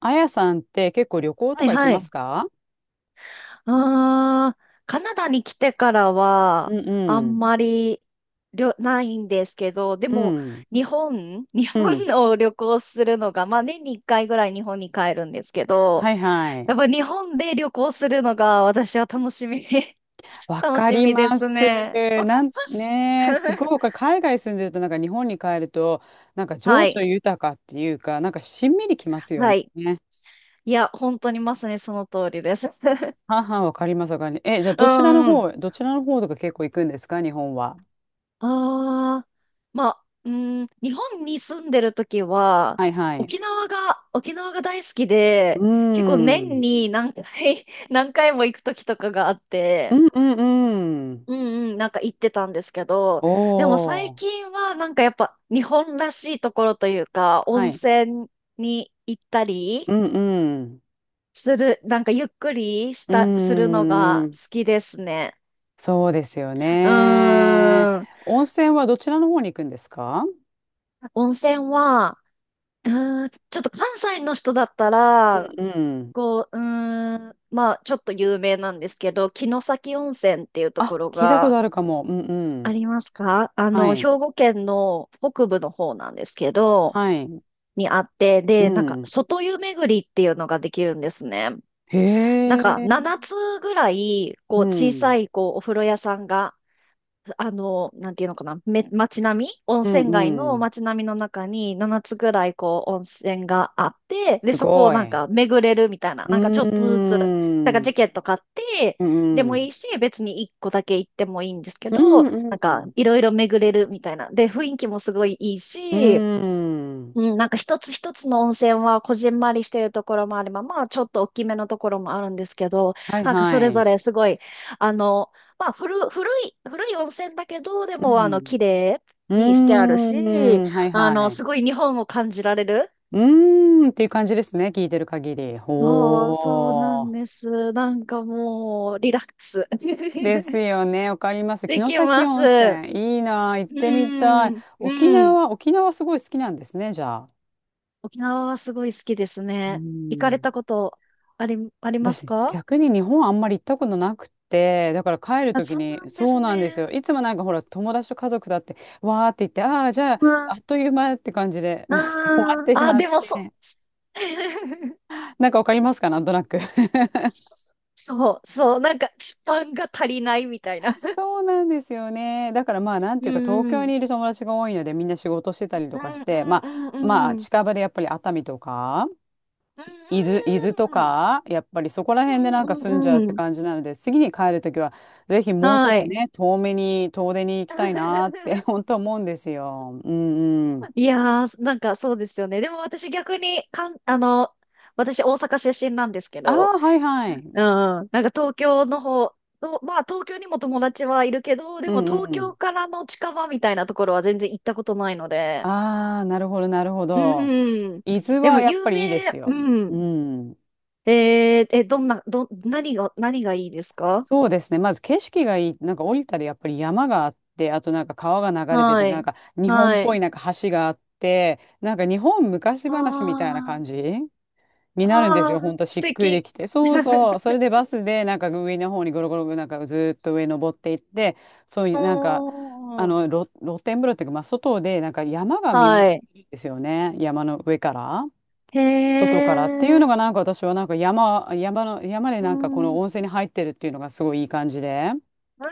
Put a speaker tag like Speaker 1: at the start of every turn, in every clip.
Speaker 1: あやさんって結構旅行と
Speaker 2: はい
Speaker 1: か行き
Speaker 2: は
Speaker 1: ま
Speaker 2: い。
Speaker 1: すか？
Speaker 2: カナダに来てから
Speaker 1: う
Speaker 2: は、
Speaker 1: ん
Speaker 2: あ
Speaker 1: うん。
Speaker 2: んまりないんですけど、で
Speaker 1: う
Speaker 2: も、
Speaker 1: ん。
Speaker 2: 日
Speaker 1: う
Speaker 2: 本
Speaker 1: ん。
Speaker 2: を旅行するのが、まあ年に1回ぐらい日本に帰るんですけど、
Speaker 1: はいは
Speaker 2: やっ
Speaker 1: い。
Speaker 2: ぱ日本で旅行するのが私は楽しみ、
Speaker 1: わ
Speaker 2: 楽
Speaker 1: か
Speaker 2: し
Speaker 1: り
Speaker 2: みで
Speaker 1: ま
Speaker 2: す
Speaker 1: す。
Speaker 2: ね。わか
Speaker 1: な
Speaker 2: り
Speaker 1: ん
Speaker 2: ます。
Speaker 1: ねえ、す ごく海外住んでるとなんか日本に帰るとなんか
Speaker 2: は
Speaker 1: 情緒
Speaker 2: い。
Speaker 1: 豊かっていうかなんかしんみりきますよ
Speaker 2: はい。
Speaker 1: ね。
Speaker 2: いや、本当にまさにその通りです。
Speaker 1: はは、わかりますわかります。え、じゃあ
Speaker 2: う
Speaker 1: どちらの
Speaker 2: んうん。
Speaker 1: 方、どちらの方とか結構行くんですか日本は？
Speaker 2: ああ、まあ、うん、日本に住んでる時は、
Speaker 1: はいはい。
Speaker 2: 沖縄が大好き
Speaker 1: う
Speaker 2: で、結構
Speaker 1: ー
Speaker 2: 年
Speaker 1: ん。
Speaker 2: に何回も行く時とかがあっ
Speaker 1: う
Speaker 2: て、
Speaker 1: んうんうん。
Speaker 2: うんうん、なんか行ってたんですけど、でも
Speaker 1: お
Speaker 2: 最
Speaker 1: ー。
Speaker 2: 近はなんかやっぱ日本らしいところというか、
Speaker 1: は
Speaker 2: 温
Speaker 1: い。
Speaker 2: 泉に行った
Speaker 1: う
Speaker 2: り
Speaker 1: んうん。
Speaker 2: する、なんかゆっくりし
Speaker 1: う
Speaker 2: た、するの
Speaker 1: ー
Speaker 2: が
Speaker 1: ん。
Speaker 2: 好きですね。
Speaker 1: そうですよ
Speaker 2: う
Speaker 1: ね。
Speaker 2: ーん、
Speaker 1: 温泉はどちらの方に行くんですか？
Speaker 2: 温泉は、うちょっと関西の人だった
Speaker 1: う
Speaker 2: ら、
Speaker 1: んうん。
Speaker 2: こう、まあ、ちょっと有名なんですけど、城崎温泉っていうと
Speaker 1: あ、
Speaker 2: ころ
Speaker 1: 聞いたこ
Speaker 2: が
Speaker 1: とあるかも。うんう
Speaker 2: あ
Speaker 1: ん。
Speaker 2: りますか？
Speaker 1: は
Speaker 2: 兵
Speaker 1: い。
Speaker 2: 庫県の北部の方なんですけど、
Speaker 1: はい。
Speaker 2: にあって、
Speaker 1: う
Speaker 2: で、なんか、
Speaker 1: ん。
Speaker 2: 外湯巡りっていうのができるんですね。
Speaker 1: へ
Speaker 2: なんか、
Speaker 1: え。
Speaker 2: 7つぐらい、
Speaker 1: う
Speaker 2: こう、小
Speaker 1: ん。
Speaker 2: さい、こう、お風呂屋さんがあの、なんていうのかな、街並み、温
Speaker 1: うん
Speaker 2: 泉街
Speaker 1: う
Speaker 2: の
Speaker 1: ん。
Speaker 2: 街並みの中に7つぐらいこう温泉があって、で、
Speaker 1: す
Speaker 2: そこを
Speaker 1: ご
Speaker 2: なん
Speaker 1: い。
Speaker 2: か巡れるみたいな、
Speaker 1: うー
Speaker 2: なんかちょっとずつ、なん
Speaker 1: ん。
Speaker 2: か
Speaker 1: うん
Speaker 2: チケット買って、
Speaker 1: う
Speaker 2: でも
Speaker 1: ん。
Speaker 2: いいし、別に1個だけ行ってもいいんですけ
Speaker 1: うん
Speaker 2: ど、なん
Speaker 1: う
Speaker 2: か
Speaker 1: ん。
Speaker 2: いろいろ巡れるみたいな。で、雰囲気もすごいいいし、
Speaker 1: うん。
Speaker 2: うん、なんか一つ一つの温泉はこじんまりしてるところもあれば、まあちょっと大きめのところもあるんですけど、
Speaker 1: はい
Speaker 2: なんか
Speaker 1: は
Speaker 2: それぞ
Speaker 1: い。
Speaker 2: れすごい、あの、まあ古い温泉だけど、で
Speaker 1: う
Speaker 2: もあの、
Speaker 1: ん。
Speaker 2: 綺麗
Speaker 1: う
Speaker 2: にしてあるし、
Speaker 1: ーん。はい
Speaker 2: あの、
Speaker 1: はい。
Speaker 2: すごい日本を感じられる。
Speaker 1: うーんっていう感じですね。聞いてる限り。
Speaker 2: そう、そうな
Speaker 1: ほ
Speaker 2: んで
Speaker 1: ー。
Speaker 2: す。なんかもう、リラックス
Speaker 1: ですよね。わかります。
Speaker 2: で
Speaker 1: 城
Speaker 2: き
Speaker 1: 崎
Speaker 2: ます。
Speaker 1: 温
Speaker 2: う
Speaker 1: 泉。いいなあ。行ってみたい。
Speaker 2: ん、
Speaker 1: 沖
Speaker 2: うん。
Speaker 1: 縄、沖縄すごい好きなんですね、じゃあ。
Speaker 2: 沖縄はすごい好きです
Speaker 1: う
Speaker 2: ね。行かれ
Speaker 1: ん。
Speaker 2: たことあります
Speaker 1: 私、
Speaker 2: か？
Speaker 1: 逆に日本あんまり行ったことなくて、だから帰る
Speaker 2: あ、
Speaker 1: とき
Speaker 2: そうな
Speaker 1: に、
Speaker 2: んで
Speaker 1: そう
Speaker 2: す
Speaker 1: なんですよ。
Speaker 2: ね。
Speaker 1: いつもなんかほら、友達と家族だって、わーって言って、ああ、じゃあ、
Speaker 2: う
Speaker 1: あ
Speaker 2: ん。
Speaker 1: っという間って感じで、
Speaker 2: あ
Speaker 1: なんか終わっ
Speaker 2: ん。
Speaker 1: てし
Speaker 2: あ、
Speaker 1: まっ
Speaker 2: でも
Speaker 1: て。なんかわかりますかなんとなく？
Speaker 2: そそう、なんか、スパンが足りないみたいな。
Speaker 1: そうなんですよね。だから まあなんてい
Speaker 2: う
Speaker 1: うか東
Speaker 2: ん、
Speaker 1: 京
Speaker 2: うん。
Speaker 1: にいる友達が多いのでみんな仕事してたりと
Speaker 2: う
Speaker 1: かし
Speaker 2: ん、
Speaker 1: て、まあ
Speaker 2: うん、う
Speaker 1: まあ
Speaker 2: ん、うん。
Speaker 1: 近場でやっぱり熱海とか
Speaker 2: う
Speaker 1: 伊
Speaker 2: ん、
Speaker 1: 豆、伊豆と
Speaker 2: うん。
Speaker 1: かやっぱりそこら
Speaker 2: う
Speaker 1: 辺でなんか
Speaker 2: ん、
Speaker 1: 住んじ
Speaker 2: う
Speaker 1: ゃうっ
Speaker 2: ん、
Speaker 1: て
Speaker 2: うん。
Speaker 1: 感じなので次に帰るときはぜひもうちょっ
Speaker 2: は
Speaker 1: と
Speaker 2: い。
Speaker 1: ね遠めに遠出に行きたいなって 本 当思うんですよ。うんうん。
Speaker 2: いやー、なんかそうですよね。でも私逆に、かん、あの、私大阪出身なんですけ
Speaker 1: あ
Speaker 2: ど、
Speaker 1: あはいは
Speaker 2: う
Speaker 1: い。
Speaker 2: ん、なんか東京の方、とまあ東京にも友達はいるけど、で
Speaker 1: う
Speaker 2: も
Speaker 1: ん
Speaker 2: 東
Speaker 1: う
Speaker 2: 京
Speaker 1: ん。
Speaker 2: からの近場みたいなところは全然行ったことないので。
Speaker 1: ああなるほどなるほど。
Speaker 2: うん。
Speaker 1: 伊豆
Speaker 2: でも
Speaker 1: はやっ
Speaker 2: 有
Speaker 1: ぱりいいで
Speaker 2: 名、
Speaker 1: すよ。
Speaker 2: う
Speaker 1: う
Speaker 2: ん。
Speaker 1: ん。
Speaker 2: えー、え、どんな、ど、何が、何がいいですか？
Speaker 1: そうですね。まず景色がいい。なんか降りたらやっぱり山があって、あとなんか川が流れてて、
Speaker 2: は
Speaker 1: なん
Speaker 2: い。
Speaker 1: か日本っ
Speaker 2: は
Speaker 1: ぽ
Speaker 2: い。
Speaker 1: いなんか橋があって、なんか日本昔話みたいな
Speaker 2: あ
Speaker 1: 感じに
Speaker 2: あ、
Speaker 1: なるんです
Speaker 2: あ
Speaker 1: よ。
Speaker 2: あ、
Speaker 1: ほんとし
Speaker 2: 素
Speaker 1: っくり
Speaker 2: 敵。
Speaker 1: きて。そうそう。それ でバスでなんか上の方にゴロゴロなんかずーっと上登っていって、そうい
Speaker 2: お
Speaker 1: うなんか、
Speaker 2: ー、
Speaker 1: 露天風呂っていうか、まあ外でなんか山が見渡せ
Speaker 2: はい。
Speaker 1: るんですよね。山の上から。
Speaker 2: へ
Speaker 1: 外からっていう
Speaker 2: え、
Speaker 1: のがなんか私はなんか山で
Speaker 2: う
Speaker 1: なんかこ
Speaker 2: ん、
Speaker 1: の
Speaker 2: う
Speaker 1: 温泉に入ってるっていうのがすごいいい感じで、うん
Speaker 2: ん、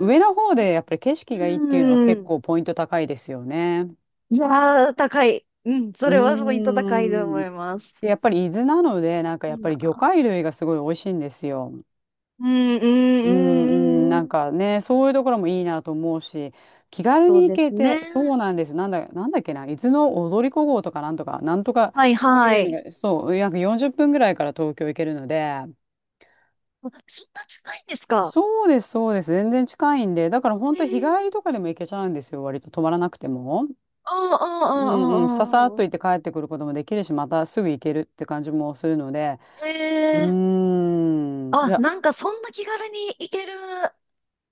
Speaker 1: 上の方でやっぱり景色がいいっていうのは
Speaker 2: う
Speaker 1: 結
Speaker 2: ん。
Speaker 1: 構ポイント高いですよね。
Speaker 2: いやー、高い。うん、そ
Speaker 1: う
Speaker 2: れはポイント
Speaker 1: ー
Speaker 2: 高いと思
Speaker 1: ん。
Speaker 2: います。
Speaker 1: でやっぱり伊豆なので、なんかや
Speaker 2: い
Speaker 1: っ
Speaker 2: い
Speaker 1: ぱり魚
Speaker 2: な。
Speaker 1: 介類がすごい美味しいんですよ。
Speaker 2: うん、うん、
Speaker 1: う
Speaker 2: う
Speaker 1: んうん、
Speaker 2: ん、う
Speaker 1: なん
Speaker 2: ん。
Speaker 1: かね、そういうところもいいなと思うし、気軽
Speaker 2: そ
Speaker 1: に
Speaker 2: う
Speaker 1: 行
Speaker 2: で
Speaker 1: け
Speaker 2: す
Speaker 1: て、そ
Speaker 2: ね。
Speaker 1: うなんです。なんだっけな、伊豆の踊り子号とかなんとか、なんとか、
Speaker 2: はい、
Speaker 1: そう
Speaker 2: は
Speaker 1: いうの
Speaker 2: い。
Speaker 1: が、そう、約40分ぐらいから東京行けるので、
Speaker 2: あそんな近いんですか？
Speaker 1: そうです、そうです。全然近いんで、だから本
Speaker 2: え
Speaker 1: 当日帰
Speaker 2: え。
Speaker 1: りとかでも行けちゃうんですよ、割と泊まらなくても。
Speaker 2: ああ、あ
Speaker 1: うんうん、さ
Speaker 2: あ、
Speaker 1: さっ
Speaker 2: あ
Speaker 1: と
Speaker 2: あ。
Speaker 1: 行って帰ってくることもできるし、またすぐ行けるって感じもするので、
Speaker 2: え
Speaker 1: うー
Speaker 2: え、
Speaker 1: ん、い
Speaker 2: あ、
Speaker 1: や、
Speaker 2: なんかそんな気軽に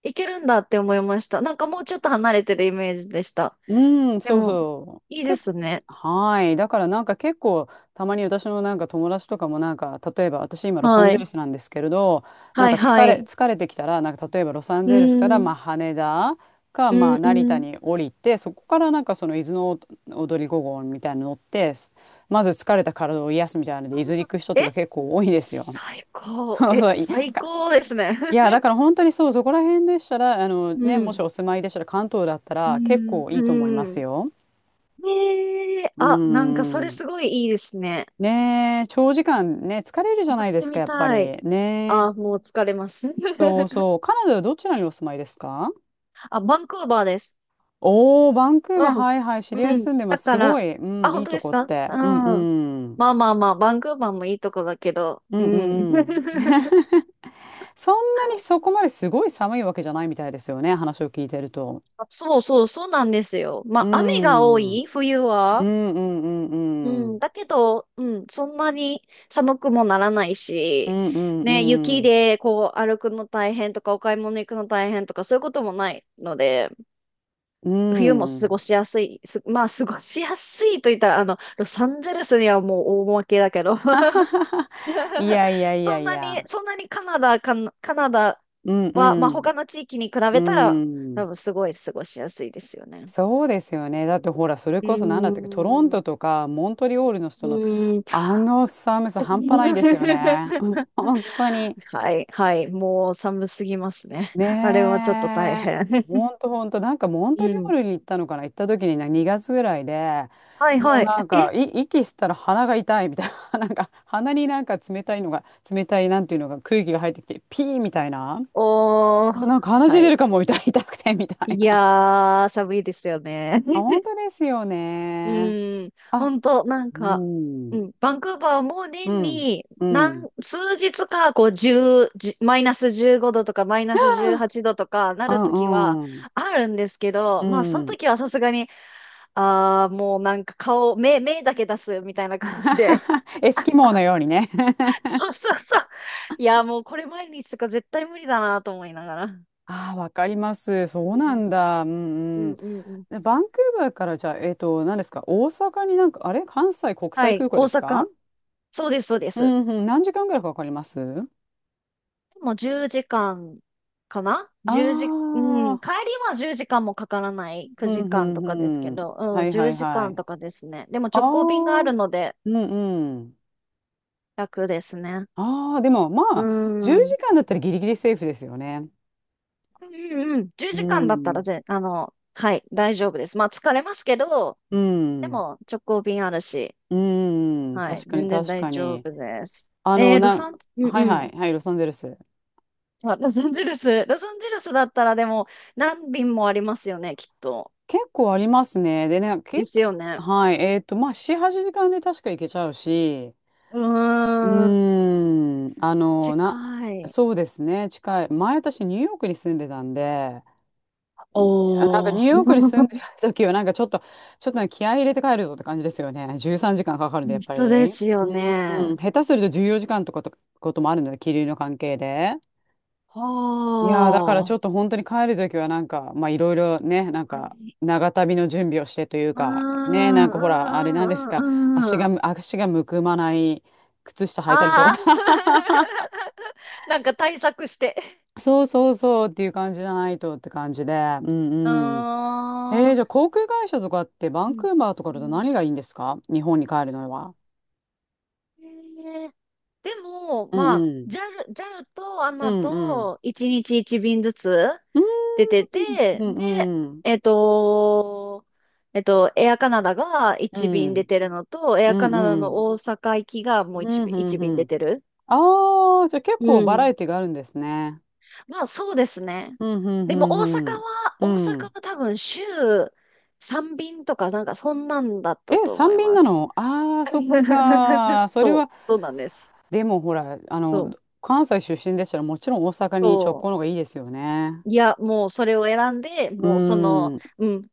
Speaker 2: 行けるんだって思いました。なんかもうちょっと離れてるイメージでした。
Speaker 1: うん、
Speaker 2: で
Speaker 1: そう
Speaker 2: も、
Speaker 1: そ
Speaker 2: い
Speaker 1: う。
Speaker 2: いですね。
Speaker 1: はい。だからなんか結構、たまに私のなんか友達とかもなんか、例えば私今ロサン
Speaker 2: は
Speaker 1: ゼ
Speaker 2: い。
Speaker 1: ルスなんですけれど、なん
Speaker 2: は
Speaker 1: か
Speaker 2: い、はい。
Speaker 1: 疲れてきたら、なんか例えばロサン
Speaker 2: う
Speaker 1: ゼルスからまあ
Speaker 2: ん、
Speaker 1: 羽田か
Speaker 2: う
Speaker 1: まあ
Speaker 2: ん、
Speaker 1: 成
Speaker 2: う
Speaker 1: 田
Speaker 2: ん。
Speaker 1: に降りて、そこからなんかその伊豆の踊り5号みたいなの乗って、まず疲れた体を癒すみたいなの
Speaker 2: あ
Speaker 1: で、伊豆に行く人
Speaker 2: え
Speaker 1: とか結構多いですよ。
Speaker 2: 最 高。
Speaker 1: そうそう
Speaker 2: 最高ですね。
Speaker 1: いやだ から本当にそうそこら辺でしたらあの
Speaker 2: う
Speaker 1: ねもし
Speaker 2: ん。
Speaker 1: お住まいでしたら関東だった
Speaker 2: う
Speaker 1: ら結
Speaker 2: ん。
Speaker 1: 構いいと思い
Speaker 2: う
Speaker 1: ます
Speaker 2: ん。
Speaker 1: よ。
Speaker 2: ねえ。
Speaker 1: うー
Speaker 2: あ、なんかそれ
Speaker 1: ん。
Speaker 2: すごいいいですね。
Speaker 1: ねえ、長時間ね、疲れるじゃ
Speaker 2: や
Speaker 1: な
Speaker 2: っ
Speaker 1: いで
Speaker 2: て
Speaker 1: すか、
Speaker 2: み
Speaker 1: やっぱり。
Speaker 2: たい。
Speaker 1: ね
Speaker 2: あ、
Speaker 1: え。
Speaker 2: もう疲れます。
Speaker 1: そう そう。カナダはどちらにお住まいですか？
Speaker 2: あ、バンクーバーです。
Speaker 1: おー、バンクーバー、
Speaker 2: うん。
Speaker 1: はいはい、知り合い
Speaker 2: うん。
Speaker 1: 住んでま
Speaker 2: だ
Speaker 1: す。
Speaker 2: か
Speaker 1: すご
Speaker 2: ら、
Speaker 1: い、う
Speaker 2: あ、
Speaker 1: ん、い
Speaker 2: 本
Speaker 1: い
Speaker 2: 当
Speaker 1: と
Speaker 2: で
Speaker 1: こ
Speaker 2: す
Speaker 1: っ
Speaker 2: か？
Speaker 1: て。
Speaker 2: う
Speaker 1: うんう
Speaker 2: ん。
Speaker 1: ん。
Speaker 2: まあまあまあ、バンクーバーもいいとこだけど、
Speaker 1: う
Speaker 2: う
Speaker 1: んう
Speaker 2: ん。
Speaker 1: んうん。そんなにそこまですごい寒いわけじゃないみたいですよね、話を聞いてると。
Speaker 2: あ、そうそう、そうなんですよ。ま
Speaker 1: う
Speaker 2: あ、雨が多
Speaker 1: ん。うん
Speaker 2: い、冬
Speaker 1: う
Speaker 2: は。
Speaker 1: んう
Speaker 2: う
Speaker 1: んう
Speaker 2: ん、
Speaker 1: ん。
Speaker 2: だけど、うん、そんなに寒くもならない
Speaker 1: う
Speaker 2: し、
Speaker 1: ん
Speaker 2: ね、
Speaker 1: う
Speaker 2: 雪
Speaker 1: ん
Speaker 2: でこう歩くの大変とか、お買い物行くの大変とか、そういうこともないので、
Speaker 1: う
Speaker 2: 冬も
Speaker 1: ん。う
Speaker 2: 過ご
Speaker 1: ん。
Speaker 2: しやすい、す、まあ、過ごしやすいと言ったら、あの、ロサンゼルスにはもう大負けだけど、
Speaker 1: いやいやい
Speaker 2: そ
Speaker 1: や
Speaker 2: ん
Speaker 1: い
Speaker 2: な
Speaker 1: や。
Speaker 2: に、そんなにカナダ
Speaker 1: うん
Speaker 2: は、
Speaker 1: う
Speaker 2: まあ、
Speaker 1: ん。
Speaker 2: 他の地域に比
Speaker 1: う
Speaker 2: べたら、
Speaker 1: ん。
Speaker 2: 多分すごい過ごしやすいですよね。
Speaker 1: そうですよね。だってほら、それ
Speaker 2: う
Speaker 1: こそ何だったっけ、トロン
Speaker 2: ー
Speaker 1: ト
Speaker 2: ん。
Speaker 1: とかモントリオールの人
Speaker 2: う
Speaker 1: の
Speaker 2: ーん。
Speaker 1: あの寒さ 半端ないです
Speaker 2: は
Speaker 1: よね。うん本当に。
Speaker 2: い、はい。もう寒すぎますね。
Speaker 1: ね
Speaker 2: あれはちょっと大
Speaker 1: え。
Speaker 2: 変。
Speaker 1: 本当本当。なんかモント
Speaker 2: う
Speaker 1: リオー
Speaker 2: ん。
Speaker 1: ルに行ったのかな、行った時にな2月ぐらいで、
Speaker 2: はい、
Speaker 1: もう
Speaker 2: はい。
Speaker 1: なんか
Speaker 2: え、
Speaker 1: い息したら鼻が痛いみたいな、なんか鼻になんか冷たいなんていうのが空気が入ってきて、ピーみたいな。
Speaker 2: お
Speaker 1: あ、
Speaker 2: ー。
Speaker 1: なんか鼻血
Speaker 2: は
Speaker 1: 出
Speaker 2: い。
Speaker 1: るかも痛い痛くてみたい
Speaker 2: い
Speaker 1: な。
Speaker 2: やー、寒いですよね。
Speaker 1: あ、本 当ですよ
Speaker 2: う
Speaker 1: ね。
Speaker 2: ーん、
Speaker 1: あ、
Speaker 2: 本当なん
Speaker 1: う
Speaker 2: か、う
Speaker 1: ん。
Speaker 2: ん、バンクーバーも
Speaker 1: う
Speaker 2: 年
Speaker 1: ん、
Speaker 2: に
Speaker 1: うん。
Speaker 2: 数日か、こう、10、じゅうマイナス15度とか、マイナス18 度とかな
Speaker 1: う
Speaker 2: るときは
Speaker 1: ん、うん、
Speaker 2: あるんですけ
Speaker 1: う
Speaker 2: ど、まあ、その
Speaker 1: ん。
Speaker 2: 時はさすがに、ああ、もうなんか目だけ出すみたいな感じで。
Speaker 1: エスキモーのようにね。
Speaker 2: そうそうそう。いや、もうこれ毎日とか絶対無理だなと思いながら。う
Speaker 1: ああ、わかります。そうな
Speaker 2: ん、
Speaker 1: んだ。うん
Speaker 2: う
Speaker 1: う
Speaker 2: ん、
Speaker 1: ん。
Speaker 2: うん。うん。
Speaker 1: でバンクーバーからじゃあ、何ですか、大阪になんか、あれ、関西国
Speaker 2: は
Speaker 1: 際
Speaker 2: い、
Speaker 1: 空港
Speaker 2: 大
Speaker 1: ですか？
Speaker 2: 阪。そうです、そうで
Speaker 1: う
Speaker 2: す。
Speaker 1: んうん、何時間ぐらいかかります？
Speaker 2: もう10時間かんかな1時、うん、
Speaker 1: ああ
Speaker 2: 帰りは10時間もかからない。
Speaker 1: ー、う
Speaker 2: 9
Speaker 1: んう
Speaker 2: 時間とかですけ
Speaker 1: んうん。
Speaker 2: ど、
Speaker 1: は
Speaker 2: うん、
Speaker 1: い
Speaker 2: 10
Speaker 1: はい
Speaker 2: 時
Speaker 1: は
Speaker 2: 間
Speaker 1: い。
Speaker 2: とかですね。でも
Speaker 1: あ
Speaker 2: 直
Speaker 1: あ、
Speaker 2: 行便があ
Speaker 1: うん
Speaker 2: るので
Speaker 1: うん。
Speaker 2: 楽ですね。
Speaker 1: ああ、でもま
Speaker 2: う
Speaker 1: あ、10
Speaker 2: ん。うん
Speaker 1: 時間だったらギリギリセーフですよね。
Speaker 2: うんうん。10
Speaker 1: う
Speaker 2: 時間だった
Speaker 1: ん、
Speaker 2: らぜ、あの、はい、大丈夫です。まあ疲れますけど、
Speaker 1: う
Speaker 2: で
Speaker 1: ん。
Speaker 2: も直行便あるし、
Speaker 1: うーん、
Speaker 2: はい、
Speaker 1: 確かに
Speaker 2: 全然
Speaker 1: 確
Speaker 2: 大
Speaker 1: か
Speaker 2: 丈
Speaker 1: に。
Speaker 2: 夫です。
Speaker 1: あ
Speaker 2: え
Speaker 1: の、
Speaker 2: ー、ロ
Speaker 1: な、
Speaker 2: サン、うん
Speaker 1: はい
Speaker 2: う
Speaker 1: はい、
Speaker 2: ん。
Speaker 1: はい、ロサンゼルス。
Speaker 2: あ、ロサンゼルス。ロサンゼルスだったらでも何便もありますよね、きっと。
Speaker 1: 結構ありますね。でね、
Speaker 2: ですよね。
Speaker 1: はい、まあ、4、8時間で確か行けちゃうし、
Speaker 2: う
Speaker 1: う
Speaker 2: ーん、
Speaker 1: ーん、
Speaker 2: 近い。
Speaker 1: そうですね、近い。前私、ニューヨークに住んでたんで、いやなんか
Speaker 2: お
Speaker 1: ニューヨークに住ん
Speaker 2: ー、
Speaker 1: でる時は、なんかちょっとね気合い入れて帰るぞって感じですよね。13時間かんかか るんで、やっぱ
Speaker 2: 人で
Speaker 1: り。
Speaker 2: すよね。
Speaker 1: うん、下手すると14時間とかと、こともあるので、気流の関係で。
Speaker 2: は
Speaker 1: いやーだからちょっと
Speaker 2: ー。
Speaker 1: 本当に帰るときはなんか、まあいろいろね、なんか長旅の準備をしてという
Speaker 2: うー
Speaker 1: か、ね、
Speaker 2: ん、
Speaker 1: な
Speaker 2: う
Speaker 1: ん
Speaker 2: ー
Speaker 1: かほら、あれなんです
Speaker 2: ん、うー
Speaker 1: か、
Speaker 2: ん、うーん。うん
Speaker 1: 足がむくまない靴下履いたりとか、
Speaker 2: あー。なんか対策して。
Speaker 1: そうそうそうっていう感じじゃないとって感じで、う
Speaker 2: う
Speaker 1: んうん。
Speaker 2: ーん。う
Speaker 1: じゃあ航空会社とかってバン
Speaker 2: ん。
Speaker 1: クーバーとか
Speaker 2: う
Speaker 1: だと何
Speaker 2: ん
Speaker 1: がいいんですか日本に帰るのは？
Speaker 2: えーでも、
Speaker 1: う
Speaker 2: ま
Speaker 1: ん
Speaker 2: あ、
Speaker 1: う
Speaker 2: ジャ
Speaker 1: ん。
Speaker 2: ルジャルとア
Speaker 1: う
Speaker 2: ナ
Speaker 1: んうん。
Speaker 2: と1日1便ずつ出てて、
Speaker 1: う
Speaker 2: で、
Speaker 1: ん。
Speaker 2: えっと、エアカナダが
Speaker 1: う
Speaker 2: 1便出
Speaker 1: ん
Speaker 2: てるのと、エ
Speaker 1: う
Speaker 2: ア
Speaker 1: ん
Speaker 2: カ
Speaker 1: うん。うんう
Speaker 2: ナダ
Speaker 1: んうん。
Speaker 2: の大阪行きがも
Speaker 1: う
Speaker 2: う1
Speaker 1: ん
Speaker 2: 便、
Speaker 1: う
Speaker 2: 1
Speaker 1: ん
Speaker 2: 便
Speaker 1: う
Speaker 2: 出
Speaker 1: ん。
Speaker 2: てる。
Speaker 1: ああ、じゃあ結
Speaker 2: う
Speaker 1: 構バラ
Speaker 2: ん。
Speaker 1: エティがあるんですね。
Speaker 2: まあ、そうですね。
Speaker 1: うん、うん、う
Speaker 2: でも、
Speaker 1: ん、う
Speaker 2: 大
Speaker 1: ん。う
Speaker 2: 阪
Speaker 1: ん。
Speaker 2: は多分週3便とか、なんかそんなんだった
Speaker 1: え、
Speaker 2: と思
Speaker 1: 三
Speaker 2: い
Speaker 1: 便
Speaker 2: ま
Speaker 1: な
Speaker 2: す。
Speaker 1: の？ああー、そっ か。それ
Speaker 2: そ
Speaker 1: は、
Speaker 2: う、そうなんです。
Speaker 1: でもほら、あの、
Speaker 2: そう、
Speaker 1: 関西出身でしたらもちろん大阪に直
Speaker 2: そ
Speaker 1: 行の
Speaker 2: う。
Speaker 1: 方がいいですよね。
Speaker 2: いや、もうそれを選んで、
Speaker 1: う
Speaker 2: もうその、
Speaker 1: ん、
Speaker 2: うん、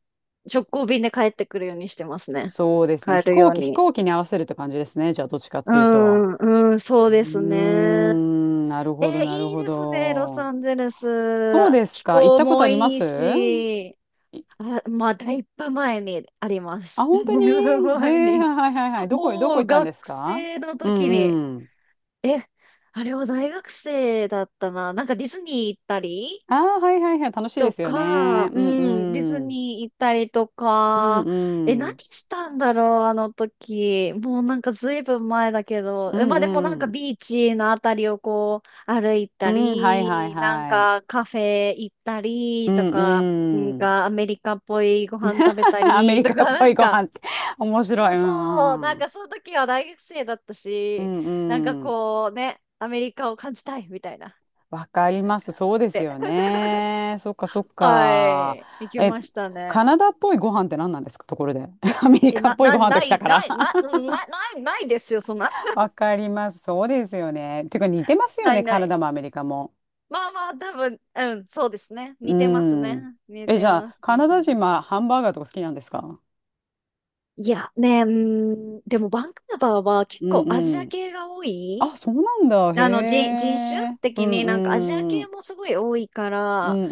Speaker 2: 直行便で帰ってくるようにしてますね。
Speaker 1: そうですよね。
Speaker 2: 帰
Speaker 1: 飛
Speaker 2: る
Speaker 1: 行
Speaker 2: よう
Speaker 1: 機、飛
Speaker 2: に。
Speaker 1: 行機に合わせるって感じですね。じゃあ、どっちかっ
Speaker 2: う
Speaker 1: ていうと。
Speaker 2: ん、うん、そ
Speaker 1: う
Speaker 2: う
Speaker 1: ー
Speaker 2: ですね。
Speaker 1: ん、なる
Speaker 2: え、
Speaker 1: ほど、なる
Speaker 2: いい
Speaker 1: ほ
Speaker 2: ですね、ロサ
Speaker 1: ど。
Speaker 2: ンゼル
Speaker 1: そう
Speaker 2: ス。
Speaker 1: です
Speaker 2: 気
Speaker 1: か。行っ
Speaker 2: 候
Speaker 1: たこと
Speaker 2: も
Speaker 1: ありま
Speaker 2: いい
Speaker 1: す？
Speaker 2: し、あ、まあ、だいぶ前にありま
Speaker 1: あ、
Speaker 2: す。だい
Speaker 1: 本当に？
Speaker 2: ぶ
Speaker 1: へ
Speaker 2: 前
Speaker 1: え、
Speaker 2: に。
Speaker 1: はいはいはい。どこ
Speaker 2: も
Speaker 1: 行
Speaker 2: う
Speaker 1: ったんで
Speaker 2: 学
Speaker 1: すか？
Speaker 2: 生の
Speaker 1: う
Speaker 2: 時に、
Speaker 1: んうん。
Speaker 2: え、あれは大学生だったな。
Speaker 1: ああ、はいはいはい。楽しいで
Speaker 2: と
Speaker 1: すよね。
Speaker 2: か、
Speaker 1: うん
Speaker 2: うディズ
Speaker 1: うん。
Speaker 2: ニー行ったりと
Speaker 1: う
Speaker 2: か、
Speaker 1: んう
Speaker 2: 何
Speaker 1: ん。
Speaker 2: したんだろう、あの時。もうなんかずいぶん前だけど、
Speaker 1: う
Speaker 2: まあでもなん
Speaker 1: んう
Speaker 2: か
Speaker 1: ん。
Speaker 2: ビーチのあたりをこう歩い
Speaker 1: う
Speaker 2: た
Speaker 1: ん、はいはい
Speaker 2: り、なん
Speaker 1: はい。
Speaker 2: かカフェ行った
Speaker 1: う
Speaker 2: りと
Speaker 1: ん
Speaker 2: か、なん
Speaker 1: うん。
Speaker 2: かアメリカっぽいご飯食べた
Speaker 1: アメ
Speaker 2: り
Speaker 1: リ
Speaker 2: とか、
Speaker 1: カっ ぽ
Speaker 2: な
Speaker 1: い
Speaker 2: ん
Speaker 1: ご飯
Speaker 2: か、
Speaker 1: って 面白
Speaker 2: そ
Speaker 1: い。
Speaker 2: う
Speaker 1: う
Speaker 2: そう、
Speaker 1: ん
Speaker 2: な
Speaker 1: う
Speaker 2: ん
Speaker 1: ん。
Speaker 2: かその時は大学生だった
Speaker 1: う
Speaker 2: し、
Speaker 1: ん
Speaker 2: なんか
Speaker 1: うん。
Speaker 2: こうね、アメリカを感じたいみたいな、
Speaker 1: わかり
Speaker 2: なん
Speaker 1: ます。
Speaker 2: か、
Speaker 1: そうです
Speaker 2: で。
Speaker 1: よ ね。そっかそっ
Speaker 2: は
Speaker 1: か。
Speaker 2: い。行き
Speaker 1: え、
Speaker 2: ましたね。
Speaker 1: カナダっぽいご飯って何なんですかところで？アメリ
Speaker 2: え、
Speaker 1: カっ
Speaker 2: な、
Speaker 1: ぽい
Speaker 2: な、
Speaker 1: ご飯と
Speaker 2: な
Speaker 1: きた
Speaker 2: い、
Speaker 1: から。
Speaker 2: ない、な、な、な、ないないですよ、そんな。
Speaker 1: わかります。そうですよね。てか似てます よ
Speaker 2: な
Speaker 1: ね、
Speaker 2: い、
Speaker 1: カ
Speaker 2: な
Speaker 1: ナダ
Speaker 2: い。
Speaker 1: もアメリカも。
Speaker 2: まあまあ、多分、うん、そうですね。
Speaker 1: う
Speaker 2: 似てますね。
Speaker 1: ん。
Speaker 2: 似
Speaker 1: え、じ
Speaker 2: て
Speaker 1: ゃ
Speaker 2: ま
Speaker 1: あ、
Speaker 2: す、
Speaker 1: カ
Speaker 2: 似
Speaker 1: ナ
Speaker 2: て
Speaker 1: ダ人
Speaker 2: ます。
Speaker 1: はハンバーガーとか好きなんですか？
Speaker 2: いや、ね、でもバンクーバーは結
Speaker 1: う
Speaker 2: 構ア
Speaker 1: ん
Speaker 2: ジ
Speaker 1: う
Speaker 2: ア
Speaker 1: ん。
Speaker 2: 系が多
Speaker 1: あ、
Speaker 2: い。
Speaker 1: そうなんだ。へ
Speaker 2: あの、人種
Speaker 1: え。う
Speaker 2: 的になんかアジア
Speaker 1: んう
Speaker 2: 系
Speaker 1: ん。
Speaker 2: もすごい多いか
Speaker 1: う
Speaker 2: ら、
Speaker 1: ん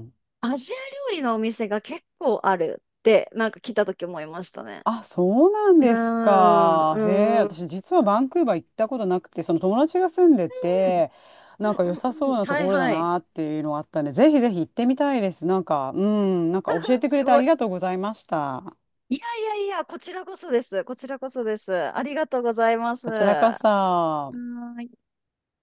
Speaker 1: うん。
Speaker 2: アジア料理のお店が結構あるって、なんか来た時思いましたね。
Speaker 1: あ、そうなん
Speaker 2: うー
Speaker 1: ですか。へえ。
Speaker 2: ん、うー
Speaker 1: 私、実はバンクーバー行ったことなくて、その友達が住んで
Speaker 2: ん。うん
Speaker 1: て、なんか良さ
Speaker 2: う
Speaker 1: そ
Speaker 2: ん
Speaker 1: う
Speaker 2: うん。
Speaker 1: なと
Speaker 2: はい
Speaker 1: ころだ
Speaker 2: はい。
Speaker 1: なっていうのがあったんで、ぜひぜひ行ってみたいです。なんか、うん、なんか教えてくれ
Speaker 2: す
Speaker 1: てあ
Speaker 2: ご
Speaker 1: り
Speaker 2: い。
Speaker 1: がとうございました。
Speaker 2: いやいやいや、こちらこそです。こちらこそです。ありがとうございます。
Speaker 1: こちらこ
Speaker 2: は
Speaker 1: そ。
Speaker 2: ーい。